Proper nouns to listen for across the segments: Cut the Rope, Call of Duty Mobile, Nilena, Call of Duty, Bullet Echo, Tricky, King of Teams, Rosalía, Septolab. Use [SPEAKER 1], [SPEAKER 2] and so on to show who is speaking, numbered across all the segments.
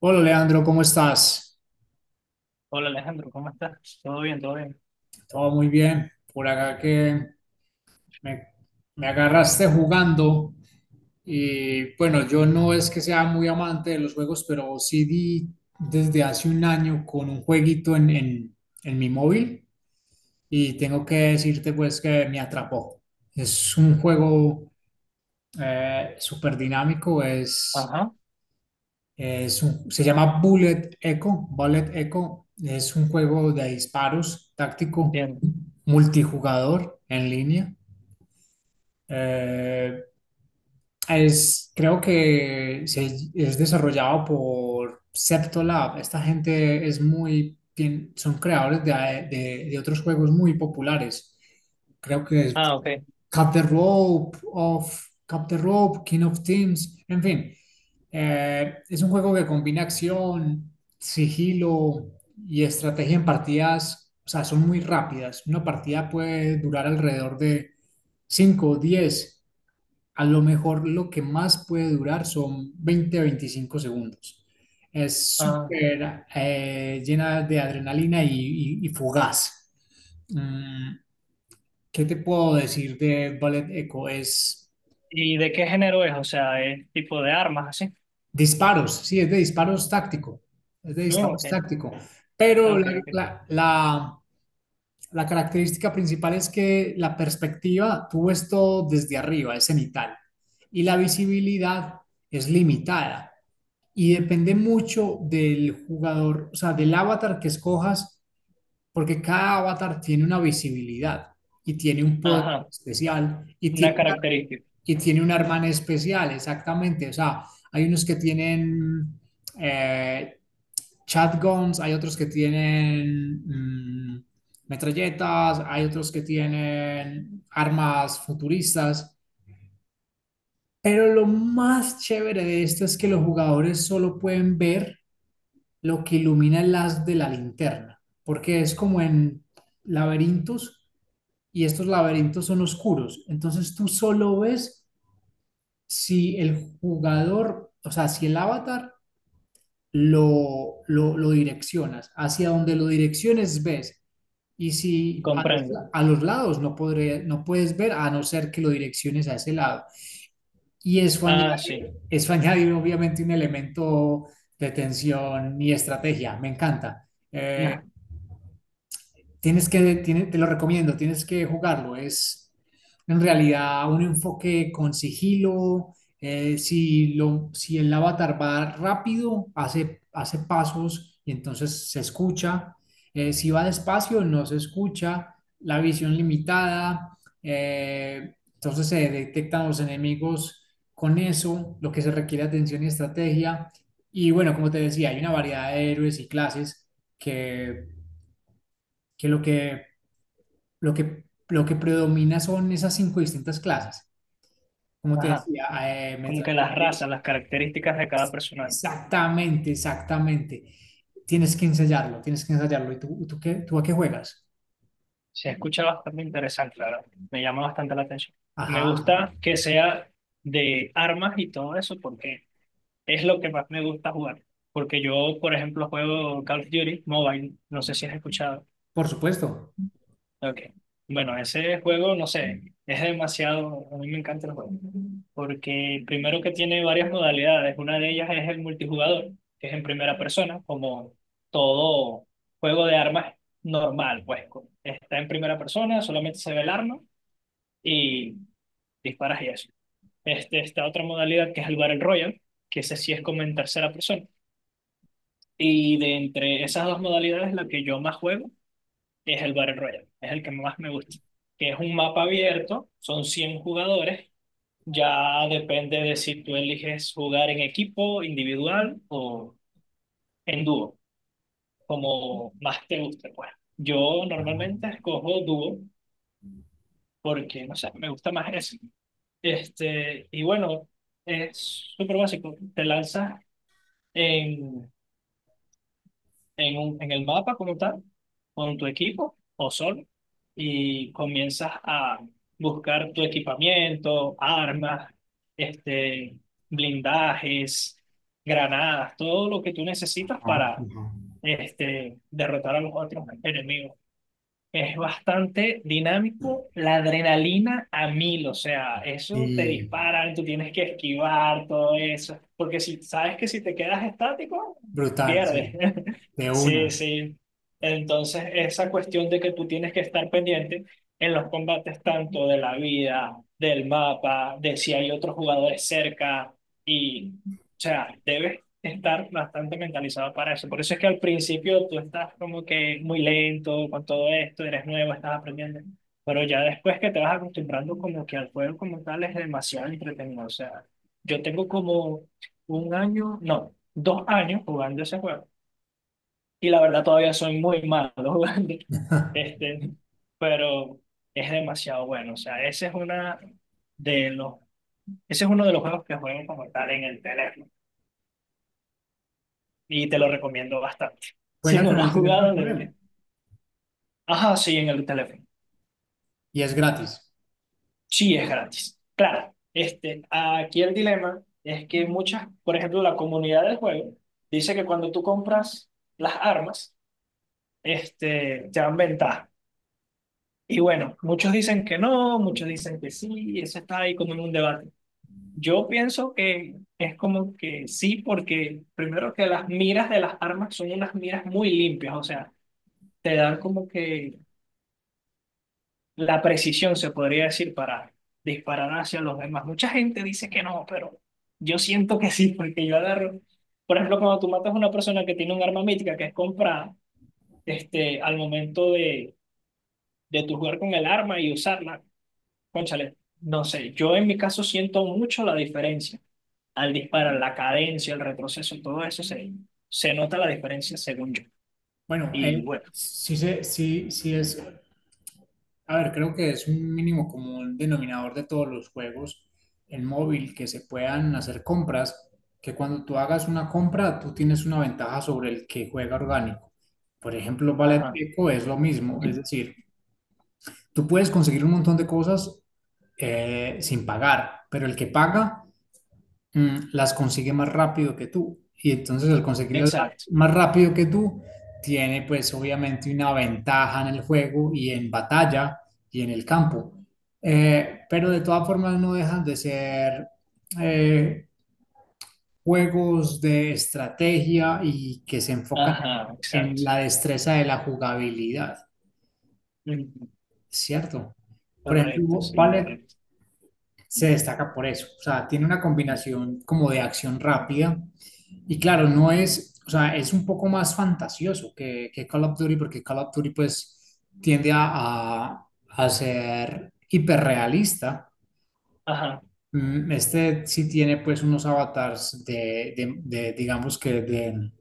[SPEAKER 1] Hola Leandro, ¿cómo estás?
[SPEAKER 2] Hola Alejandro, ¿cómo estás? Todo bien, todo bien.
[SPEAKER 1] Todo muy bien. Por acá que me, me agarraste jugando y bueno, yo no es que sea muy amante de los juegos, pero sí di desde hace un año con un jueguito en mi móvil y tengo que decirte pues que me atrapó. Es un juego súper dinámico.
[SPEAKER 2] Ajá,
[SPEAKER 1] Se llama Bullet Echo. Bullet Echo es un juego de disparos táctico
[SPEAKER 2] entiendo.
[SPEAKER 1] multijugador en línea. Eh, es, creo que es desarrollado por Septolab. Esta gente es muy, son creadores de, de otros juegos muy populares. Creo que
[SPEAKER 2] Ah, ok.
[SPEAKER 1] Cut the Rope, of, Cut the Rope, King of Teams, en fin. Es un juego que combina acción, sigilo y estrategia en partidas, o sea, son muy rápidas. Una partida puede durar alrededor de 5 o diez. A lo mejor lo que más puede durar son 20 o 25 segundos. Es
[SPEAKER 2] Ah,
[SPEAKER 1] súper llena de adrenalina y fugaz. Mm, ¿Qué te puedo decir de Ballet Echo? Es
[SPEAKER 2] ¿y de qué género es? O sea, ¿es tipo de armas así?
[SPEAKER 1] disparos, sí, es de disparos táctico, es de
[SPEAKER 2] No, ok,
[SPEAKER 1] disparos táctico, pero la,
[SPEAKER 2] ok, ok.
[SPEAKER 1] la- la- la característica principal es que la perspectiva, tú ves todo desde arriba, es cenital, y la visibilidad es limitada, y depende mucho del jugador, o sea, del avatar que escojas, porque cada avatar tiene una visibilidad y tiene un poder
[SPEAKER 2] Ajá,
[SPEAKER 1] especial y
[SPEAKER 2] una
[SPEAKER 1] tiene.
[SPEAKER 2] característica,
[SPEAKER 1] Y tiene una hermana especial, exactamente. O sea, hay unos que tienen eh, shotguns, hay otros que tienen mm, metralletas, hay otros que tienen armas futuristas. Pero lo más chévere de esto es que los jugadores solo pueden ver lo que ilumina el haz de la linterna, porque es como en laberintos y estos laberintos son oscuros. Entonces tú solo ves si el jugador, o sea, si el avatar lo direccionas, hacia donde lo direcciones ves, y si a los,
[SPEAKER 2] comprendo.
[SPEAKER 1] la- a los lados no, podré, no puedes ver a no ser que lo direcciones a ese lado. Y eso añade,
[SPEAKER 2] Ah, sí.
[SPEAKER 1] eso añade obviamente un elemento de tensión y estrategia, me encanta.
[SPEAKER 2] Ya.
[SPEAKER 1] Tienes que, te lo recomiendo, tienes que jugarlo. Es en realidad un enfoque con sigilo. Si, lo, si el avatar va rápido, hace pasos y entonces se escucha. Si va despacio, no se escucha. La visión limitada. Entonces se detectan los enemigos con eso, lo que se requiere atención y estrategia. Y bueno, como te decía, hay una variedad de héroes y clases que que lo que lo que, lo que predomina son esas cinco distintas clases. Como te
[SPEAKER 2] Ajá,
[SPEAKER 1] decía, eh, me
[SPEAKER 2] como que las
[SPEAKER 1] traje-
[SPEAKER 2] razas, las características de cada
[SPEAKER 1] pues,
[SPEAKER 2] personaje.
[SPEAKER 1] exactamente, exactamente. Tienes que ensayarlo, tienes que ensayarlo. ¿Y tú, tú a qué juegas?
[SPEAKER 2] Se escucha bastante interesante, la verdad. Me llama bastante la atención. Me
[SPEAKER 1] Ajá, ajá.
[SPEAKER 2] gusta que sea de armas y todo eso porque es lo que más me gusta jugar. Porque yo, por ejemplo, juego Call of Duty Mobile. No sé si has escuchado.
[SPEAKER 1] Por supuesto.
[SPEAKER 2] Ok. Bueno, ese juego, no sé, es demasiado. A mí me encanta el juego. Porque primero que tiene varias modalidades. Una de ellas es el multijugador, que es en primera persona, como todo juego de armas normal, pues. Está en primera persona, solamente se ve el arma y disparas y eso. Esta otra modalidad que es el Battle Royale, que ese sí es como en tercera persona. Y de entre esas dos modalidades, la que yo más juego es el Battle Royale, es el que más me gusta, que es un mapa abierto, son 100 jugadores, ya depende de si tú eliges jugar en equipo, individual o en dúo, como más te guste, pues. Yo
[SPEAKER 1] Ajá,
[SPEAKER 2] normalmente escojo dúo porque, no sé, me gusta más eso. Y bueno, es súper básico, te lanzas en en el mapa como tal, con tu equipo o solo, y comienzas a buscar tu equipamiento, armas, este, blindajes, granadas, todo lo que tú necesitas
[SPEAKER 1] ajá,
[SPEAKER 2] para
[SPEAKER 1] ajá.
[SPEAKER 2] derrotar a los otros enemigos. Es bastante dinámico, la adrenalina a mil, o sea, eso te
[SPEAKER 1] Sí,
[SPEAKER 2] disparan, tú tienes que esquivar todo eso, porque si sabes que si te quedas estático,
[SPEAKER 1] brutal,
[SPEAKER 2] pierdes.
[SPEAKER 1] sí. De
[SPEAKER 2] Sí,
[SPEAKER 1] una.
[SPEAKER 2] sí. Entonces, esa cuestión de que tú tienes que estar pendiente en los combates tanto de la vida, del mapa, de si hay otros jugadores cerca y, o sea, debes estar bastante mentalizado para eso. Por eso es que al principio tú estás como que muy lento con todo esto, eres nuevo, estás aprendiendo. Pero ya después que te vas acostumbrando como que al juego como tal es demasiado entretenido. O sea, yo tengo como un año, no, dos años jugando ese juego. Y la verdad todavía soy muy malo jugando. Este, pero es demasiado bueno. O sea, de los, ese es uno de los juegos que juego como tal en el teléfono. Y te lo recomiendo bastante. Si
[SPEAKER 1] Juegas
[SPEAKER 2] no
[SPEAKER 1] en
[SPEAKER 2] lo has
[SPEAKER 1] el teléfono
[SPEAKER 2] jugado,
[SPEAKER 1] con él
[SPEAKER 2] deberías. Ajá, sí, en el teléfono.
[SPEAKER 1] y es gratis.
[SPEAKER 2] Sí, es gratis. Claro, aquí el dilema es que muchas, por ejemplo, la comunidad del juego dice que cuando tú compras las armas, te dan ventaja. Y bueno, muchos dicen que no, muchos dicen que sí, y eso está ahí como en un debate. Yo pienso que es como que sí, porque primero que las miras de las armas son unas miras muy limpias, o sea, te dan como que la precisión, se podría decir, para disparar hacia los demás. Mucha gente dice que no, pero yo siento que sí, porque yo agarro. Por ejemplo, cuando tú matas a una persona que tiene un arma mítica que es comprada, al momento de, tu jugar con el arma y usarla, cónchale, no sé, yo en mi caso siento mucho la diferencia al disparar, la cadencia, el retroceso, todo eso se nota la diferencia según yo.
[SPEAKER 1] Bueno,
[SPEAKER 2] Y bueno,
[SPEAKER 1] sí, sí, sí es. A ver, creo que es un mínimo común denominador de todos los juegos en móvil que se puedan hacer compras, que cuando tú hagas una compra, tú tienes una ventaja sobre el que juega orgánico. Por ejemplo, Valet
[SPEAKER 2] ajá,
[SPEAKER 1] Eco es lo mismo, es decir, tú puedes conseguir un montón de cosas sin pagar, pero el que paga las consigue más rápido que tú. Y entonces al conseguirlas
[SPEAKER 2] exacto,
[SPEAKER 1] más rápido que tú, tiene pues obviamente una ventaja en el juego y en batalla y en el campo. Pero de todas formas no dejan de ser eh, juegos de estrategia y que se enfocan
[SPEAKER 2] ajá,
[SPEAKER 1] en
[SPEAKER 2] exacto.
[SPEAKER 1] la destreza de la jugabilidad,
[SPEAKER 2] Ujú,
[SPEAKER 1] ¿cierto? Por ejemplo,
[SPEAKER 2] correcto, sí,
[SPEAKER 1] ¿cuál es?
[SPEAKER 2] correcto.
[SPEAKER 1] Se destaca por eso. O sea, tiene una combinación como de acción rápida. Y claro, no es, o sea, es un poco más fantasioso que Call of Duty, porque Call of Duty pues tiende a ser hiperrealista.
[SPEAKER 2] Ajá,
[SPEAKER 1] Este sí tiene pues unos avatars de, de, digamos que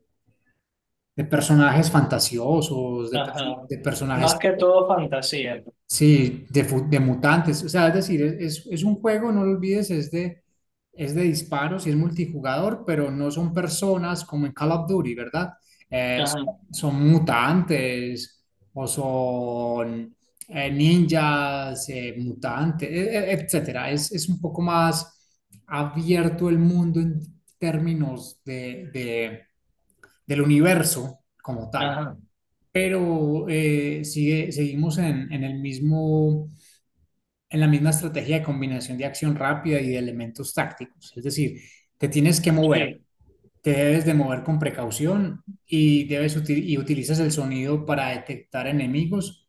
[SPEAKER 1] de personajes fantasiosos, de, pers-
[SPEAKER 2] ajá.
[SPEAKER 1] de personajes.
[SPEAKER 2] Más que todo fantasía.
[SPEAKER 1] Sí, de, de mutantes, o sea, es decir, es, es un juego, no lo olvides, es de disparos y es multijugador, pero no son personas como en Call of Duty, ¿verdad?
[SPEAKER 2] Ajá,
[SPEAKER 1] Son, son mutantes o son ninjas, mutantes, etcétera. Es un poco más abierto el mundo en términos de, del universo como tal.
[SPEAKER 2] ajá.
[SPEAKER 1] Pero sigue, seguimos en el mismo, en la misma estrategia de combinación de acción rápida y de elementos tácticos. Es decir, te tienes que mover,
[SPEAKER 2] Sí,
[SPEAKER 1] te debes de mover con precaución y, y utilizas el sonido para detectar enemigos,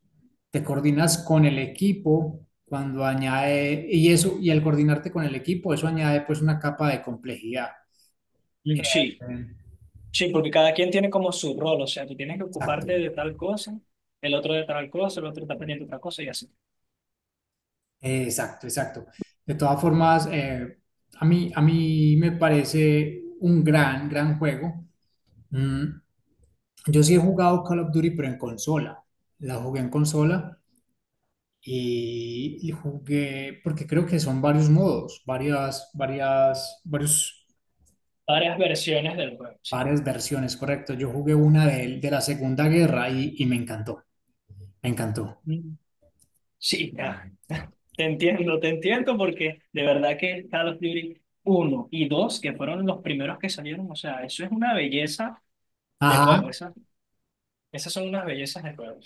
[SPEAKER 1] te coordinas con el equipo cuando añade, y eso, y al coordinarte con el equipo, eso añade pues una capa de complejidad.
[SPEAKER 2] mm,
[SPEAKER 1] Eh,
[SPEAKER 2] sí, sí, porque cada quien tiene como su rol, o sea, tú tienes que
[SPEAKER 1] exacto,
[SPEAKER 2] ocuparte de tal cosa, el otro de tal cosa, el otro está pendiente de otra cosa y así.
[SPEAKER 1] exacto, exacto. De todas formas, a mí me parece un gran, gran juego. Mm, Yo sí he jugado Call of Duty, pero en consola. La jugué en consola y jugué, porque creo que son varios modos, varias,
[SPEAKER 2] Varias versiones del juego. Sí,
[SPEAKER 1] varias versiones, correcto. Yo jugué una de la Segunda Guerra y me encantó, me encantó.
[SPEAKER 2] mm, sí, ah, te entiendo, porque de verdad que Call of Duty uno y 2 que fueron los primeros que salieron, o sea, eso es una belleza de
[SPEAKER 1] Ajá.
[SPEAKER 2] juego, esas son unas bellezas de juego.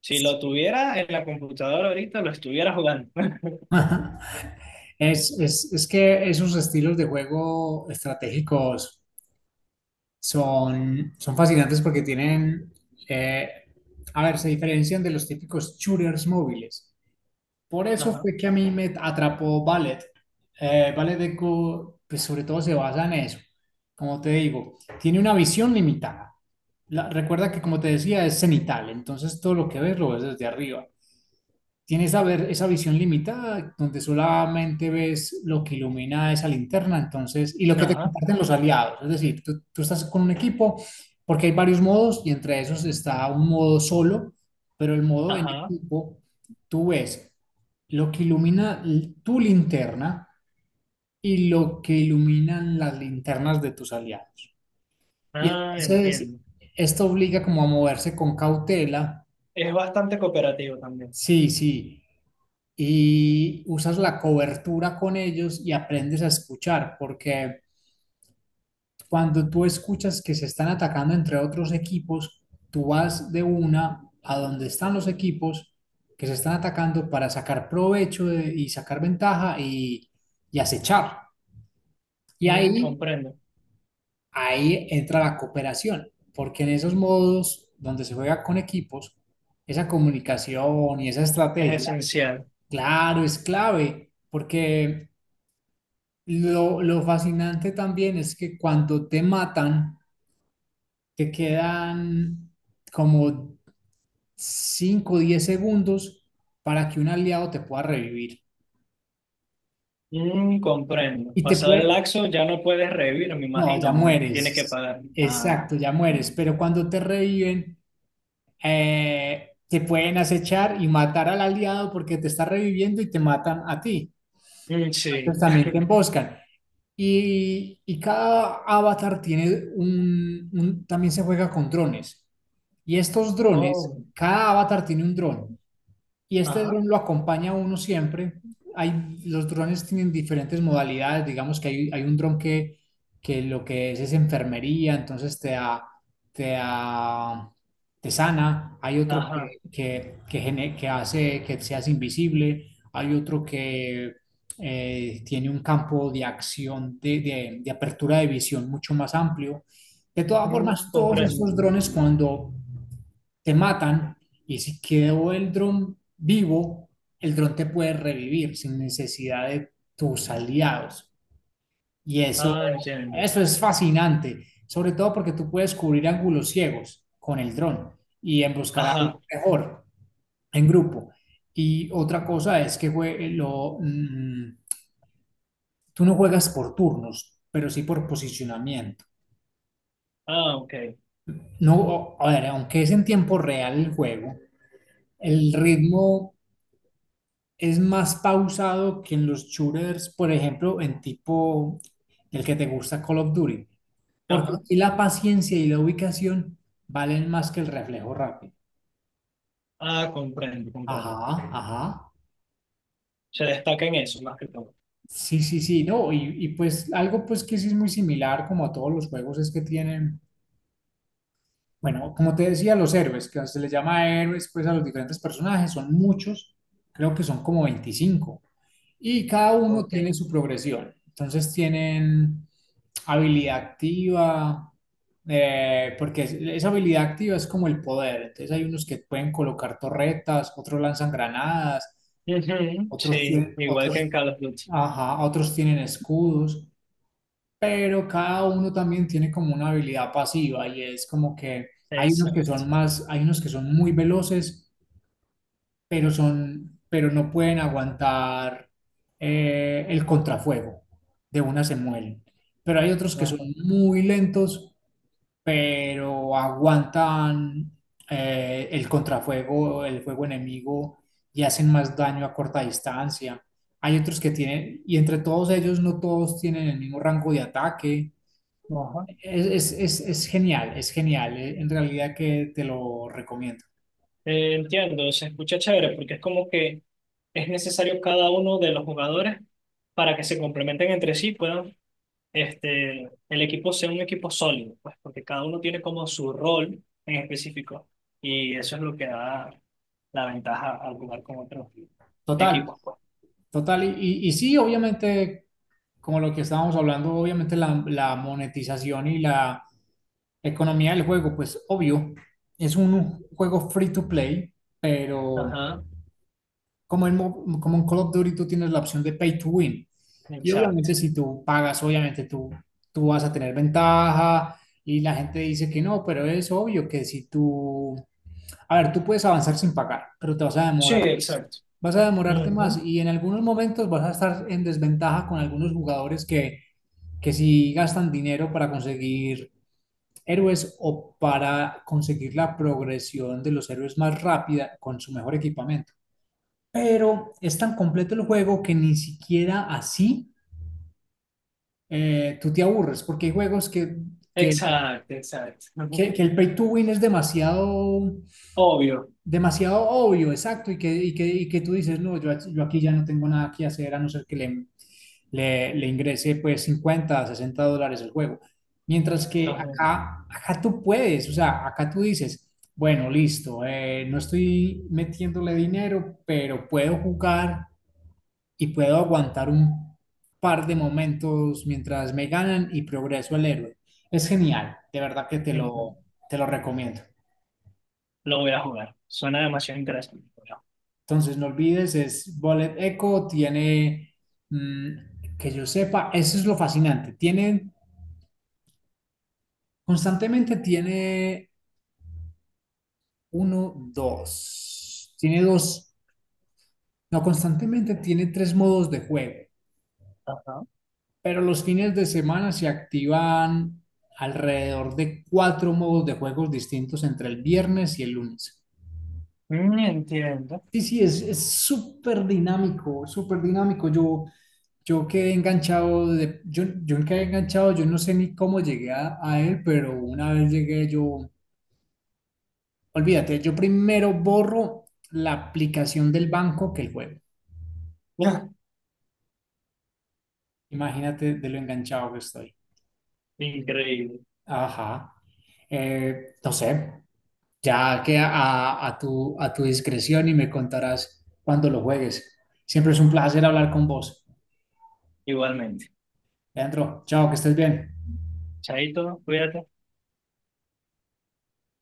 [SPEAKER 2] Si lo tuviera en la computadora ahorita, lo estuviera jugando.
[SPEAKER 1] Es, es que esos estilos de juego estratégicos son, son fascinantes porque tienen, eh, a ver, se diferencian de los típicos shooters móviles. Por eso
[SPEAKER 2] Ajá,
[SPEAKER 1] fue que a mí me atrapó ballet. Ballet de Go, pues sobre todo se basa en eso. Como te digo, tiene una visión limitada. Recuerda que, como te decía, es cenital, entonces todo lo que ves lo ves desde arriba. Tienes esa, ver, esa visión limitada donde solamente ves lo que ilumina esa linterna, entonces, y lo que te
[SPEAKER 2] ajá,
[SPEAKER 1] comparten los aliados. Es decir, tú estás con un equipo porque hay varios modos y entre esos está un modo solo, pero el modo en
[SPEAKER 2] ajá.
[SPEAKER 1] equipo, tú ves lo que ilumina tu linterna y lo que iluminan las linternas de tus aliados. Y
[SPEAKER 2] Ah,
[SPEAKER 1] entonces,
[SPEAKER 2] entiendo.
[SPEAKER 1] esto obliga como a moverse con cautela.
[SPEAKER 2] Es bastante cooperativo también.
[SPEAKER 1] Sí, sí. Y usas la cobertura con ellos y aprendes a escuchar, porque cuando tú escuchas que se están atacando entre otros equipos, tú vas de una a donde están los equipos que se están atacando para sacar provecho y sacar ventaja y acechar. Y
[SPEAKER 2] Mm,
[SPEAKER 1] ahí,
[SPEAKER 2] comprendo.
[SPEAKER 1] ahí entra la cooperación, porque en esos modos donde se juega con equipos, esa comunicación y esa
[SPEAKER 2] Es
[SPEAKER 1] estrategia,
[SPEAKER 2] esencial.
[SPEAKER 1] claro, es clave, porque lo fascinante también es que cuando te matan, te quedan como 5 o 10 segundos para que un aliado te pueda revivir.
[SPEAKER 2] Mm, comprendo.
[SPEAKER 1] Y te
[SPEAKER 2] Pasado el
[SPEAKER 1] puede...
[SPEAKER 2] laxo ya no puedes revivir, me
[SPEAKER 1] No, ya
[SPEAKER 2] imagino. O tienes que
[SPEAKER 1] mueres.
[SPEAKER 2] pagar. Ah.
[SPEAKER 1] Exacto, ya mueres.
[SPEAKER 2] Mm.
[SPEAKER 1] Pero cuando te reviven, te pueden acechar y matar al aliado porque te está reviviendo y te matan a ti.
[SPEAKER 2] Mm, sí.
[SPEAKER 1] Entonces también te emboscan. Y cada avatar tiene un, también se juega con drones. Y estos drones,
[SPEAKER 2] Oh,
[SPEAKER 1] cada avatar tiene un dron. Y este
[SPEAKER 2] ajá,
[SPEAKER 1] dron lo acompaña a uno siempre. Hay, los drones tienen diferentes modalidades. Digamos que hay un dron que lo que es enfermería, entonces te da, te da- te sana. Hay otro que,
[SPEAKER 2] ajá.
[SPEAKER 1] que hace que seas invisible. Hay otro que tiene un campo de acción, de, de apertura de visión mucho más amplio. De todas formas,
[SPEAKER 2] Mm,
[SPEAKER 1] todos
[SPEAKER 2] comprendo.
[SPEAKER 1] estos drones cuando te matan, y si quedó el dron vivo, el dron te puede revivir sin necesidad de tus aliados. Y eso,
[SPEAKER 2] Ah, entiendo.
[SPEAKER 1] eso es fascinante, sobre todo porque tú puedes cubrir ángulos ciegos con el dron y en buscar
[SPEAKER 2] Ajá.
[SPEAKER 1] algo mejor en grupo. Y otra cosa es que tú no juegas por turnos, pero sí por posicionamiento.
[SPEAKER 2] Ah, ok.
[SPEAKER 1] No, a ver, aunque es en tiempo real el juego, el ritmo es más pausado que en los shooters, por ejemplo, en tipo el que te gusta Call of Duty, porque
[SPEAKER 2] Ajá,
[SPEAKER 1] aquí la paciencia y la ubicación valen más que el reflejo rápido.
[SPEAKER 2] ah, comprendo,
[SPEAKER 1] Ajá,
[SPEAKER 2] comprendo.
[SPEAKER 1] ajá.
[SPEAKER 2] Se destaca en eso más que todo.
[SPEAKER 1] Sí, sí, sí, no, y pues algo pues que sí es muy similar como a todos los juegos es que tienen, bueno, como te decía, los héroes, que se les llama héroes pues a los diferentes personajes, son muchos, creo que son como 25. Y cada uno
[SPEAKER 2] Ok.
[SPEAKER 1] tiene su progresión. Entonces tienen habilidad activa, esa habilidad activa es como el poder. Entonces hay unos que pueden colocar torretas, otros lanzan granadas,
[SPEAKER 2] Ujú,
[SPEAKER 1] otros
[SPEAKER 2] sí,
[SPEAKER 1] tienen,
[SPEAKER 2] igual que
[SPEAKER 1] otros,
[SPEAKER 2] en Call of Duty.
[SPEAKER 1] ajá, otros tienen escudos, pero cada uno también tiene como una habilidad pasiva y es como que hay unos que
[SPEAKER 2] Exacto.
[SPEAKER 1] son más, hay unos que son muy veloces pero no pueden aguantar el contrafuego, de una se mueren. Pero hay otros que son
[SPEAKER 2] Ajá,
[SPEAKER 1] muy lentos, pero aguantan el contrafuego, el fuego enemigo y hacen más daño a corta distancia. Hay otros que tienen, y entre todos ellos no todos tienen el mismo rango de ataque.
[SPEAKER 2] ajá.
[SPEAKER 1] Es genial, es genial. En realidad que te lo recomiendo.
[SPEAKER 2] Entiendo, se escucha chévere porque es como que es necesario cada uno de los jugadores para que se complementen entre sí, puedan, este, el equipo sea un equipo sólido, pues porque cada uno tiene como su rol en específico y eso es lo que da la ventaja al jugar con otros
[SPEAKER 1] Total,
[SPEAKER 2] equipos, pues.
[SPEAKER 1] total. Y sí, obviamente, como lo que estábamos hablando, obviamente la monetización y la economía del juego, pues obvio, es un juego free to play, pero
[SPEAKER 2] Ajá,
[SPEAKER 1] como en Call of Duty tú tienes la opción de pay to win. Y obviamente
[SPEAKER 2] exacto.
[SPEAKER 1] si tú pagas, obviamente tú vas a tener ventaja y la gente dice que no, pero es obvio que si tú, a ver, tú puedes avanzar sin pagar, pero te vas a
[SPEAKER 2] Sí,
[SPEAKER 1] demorar más.
[SPEAKER 2] exacto.
[SPEAKER 1] Vas a demorarte más
[SPEAKER 2] Ujú,
[SPEAKER 1] y en algunos momentos vas a estar en desventaja con algunos jugadores que sí gastan dinero para conseguir héroes o para conseguir la progresión de los héroes más rápida con su mejor equipamiento. Pero es tan completo el juego que ni siquiera así tú te aburres, porque hay juegos que,
[SPEAKER 2] exacto, exacto.
[SPEAKER 1] que
[SPEAKER 2] Ujú.
[SPEAKER 1] el pay to win es demasiado
[SPEAKER 2] Obvio.
[SPEAKER 1] demasiado obvio, exacto, y y que tú dices, no, yo aquí ya no tengo nada que hacer a no ser que le ingrese pues 50, $60 el juego. Mientras que
[SPEAKER 2] Ajá.
[SPEAKER 1] acá, acá tú puedes, o sea, acá tú dices, bueno, listo, no estoy metiéndole dinero, pero puedo jugar y puedo aguantar un par de momentos mientras me ganan y progreso el héroe. Es genial, de verdad que
[SPEAKER 2] Ujú.
[SPEAKER 1] te lo recomiendo.
[SPEAKER 2] Lo voy a jugar. Suena demasiado interesante. Bueno.
[SPEAKER 1] Entonces, no olvides, es Bullet Echo, tiene, que yo sepa, eso es lo fascinante. Tiene, constantemente tiene uno, dos, tiene dos, no, constantemente tiene tres modos de juego,
[SPEAKER 2] Ajá.
[SPEAKER 1] pero los fines de semana se activan alrededor de cuatro modos de juegos distintos entre el viernes y el lunes.
[SPEAKER 2] Mm, entiendo.
[SPEAKER 1] Sí, sí, es súper dinámico, súper dinámico. Yo quedé enganchado, yo quedé enganchado, yo no sé ni cómo llegué a él, pero una vez llegué yo, olvídate, yo primero borro la aplicación del banco que el juego. Imagínate de lo enganchado que estoy.
[SPEAKER 2] Increíble.
[SPEAKER 1] Ajá. No sé, ya que a tu discreción y me contarás cuando lo juegues. Siempre es un placer hablar con vos.
[SPEAKER 2] Igualmente.
[SPEAKER 1] Leandro, chao, que estés bien.
[SPEAKER 2] Chaito, cuídate.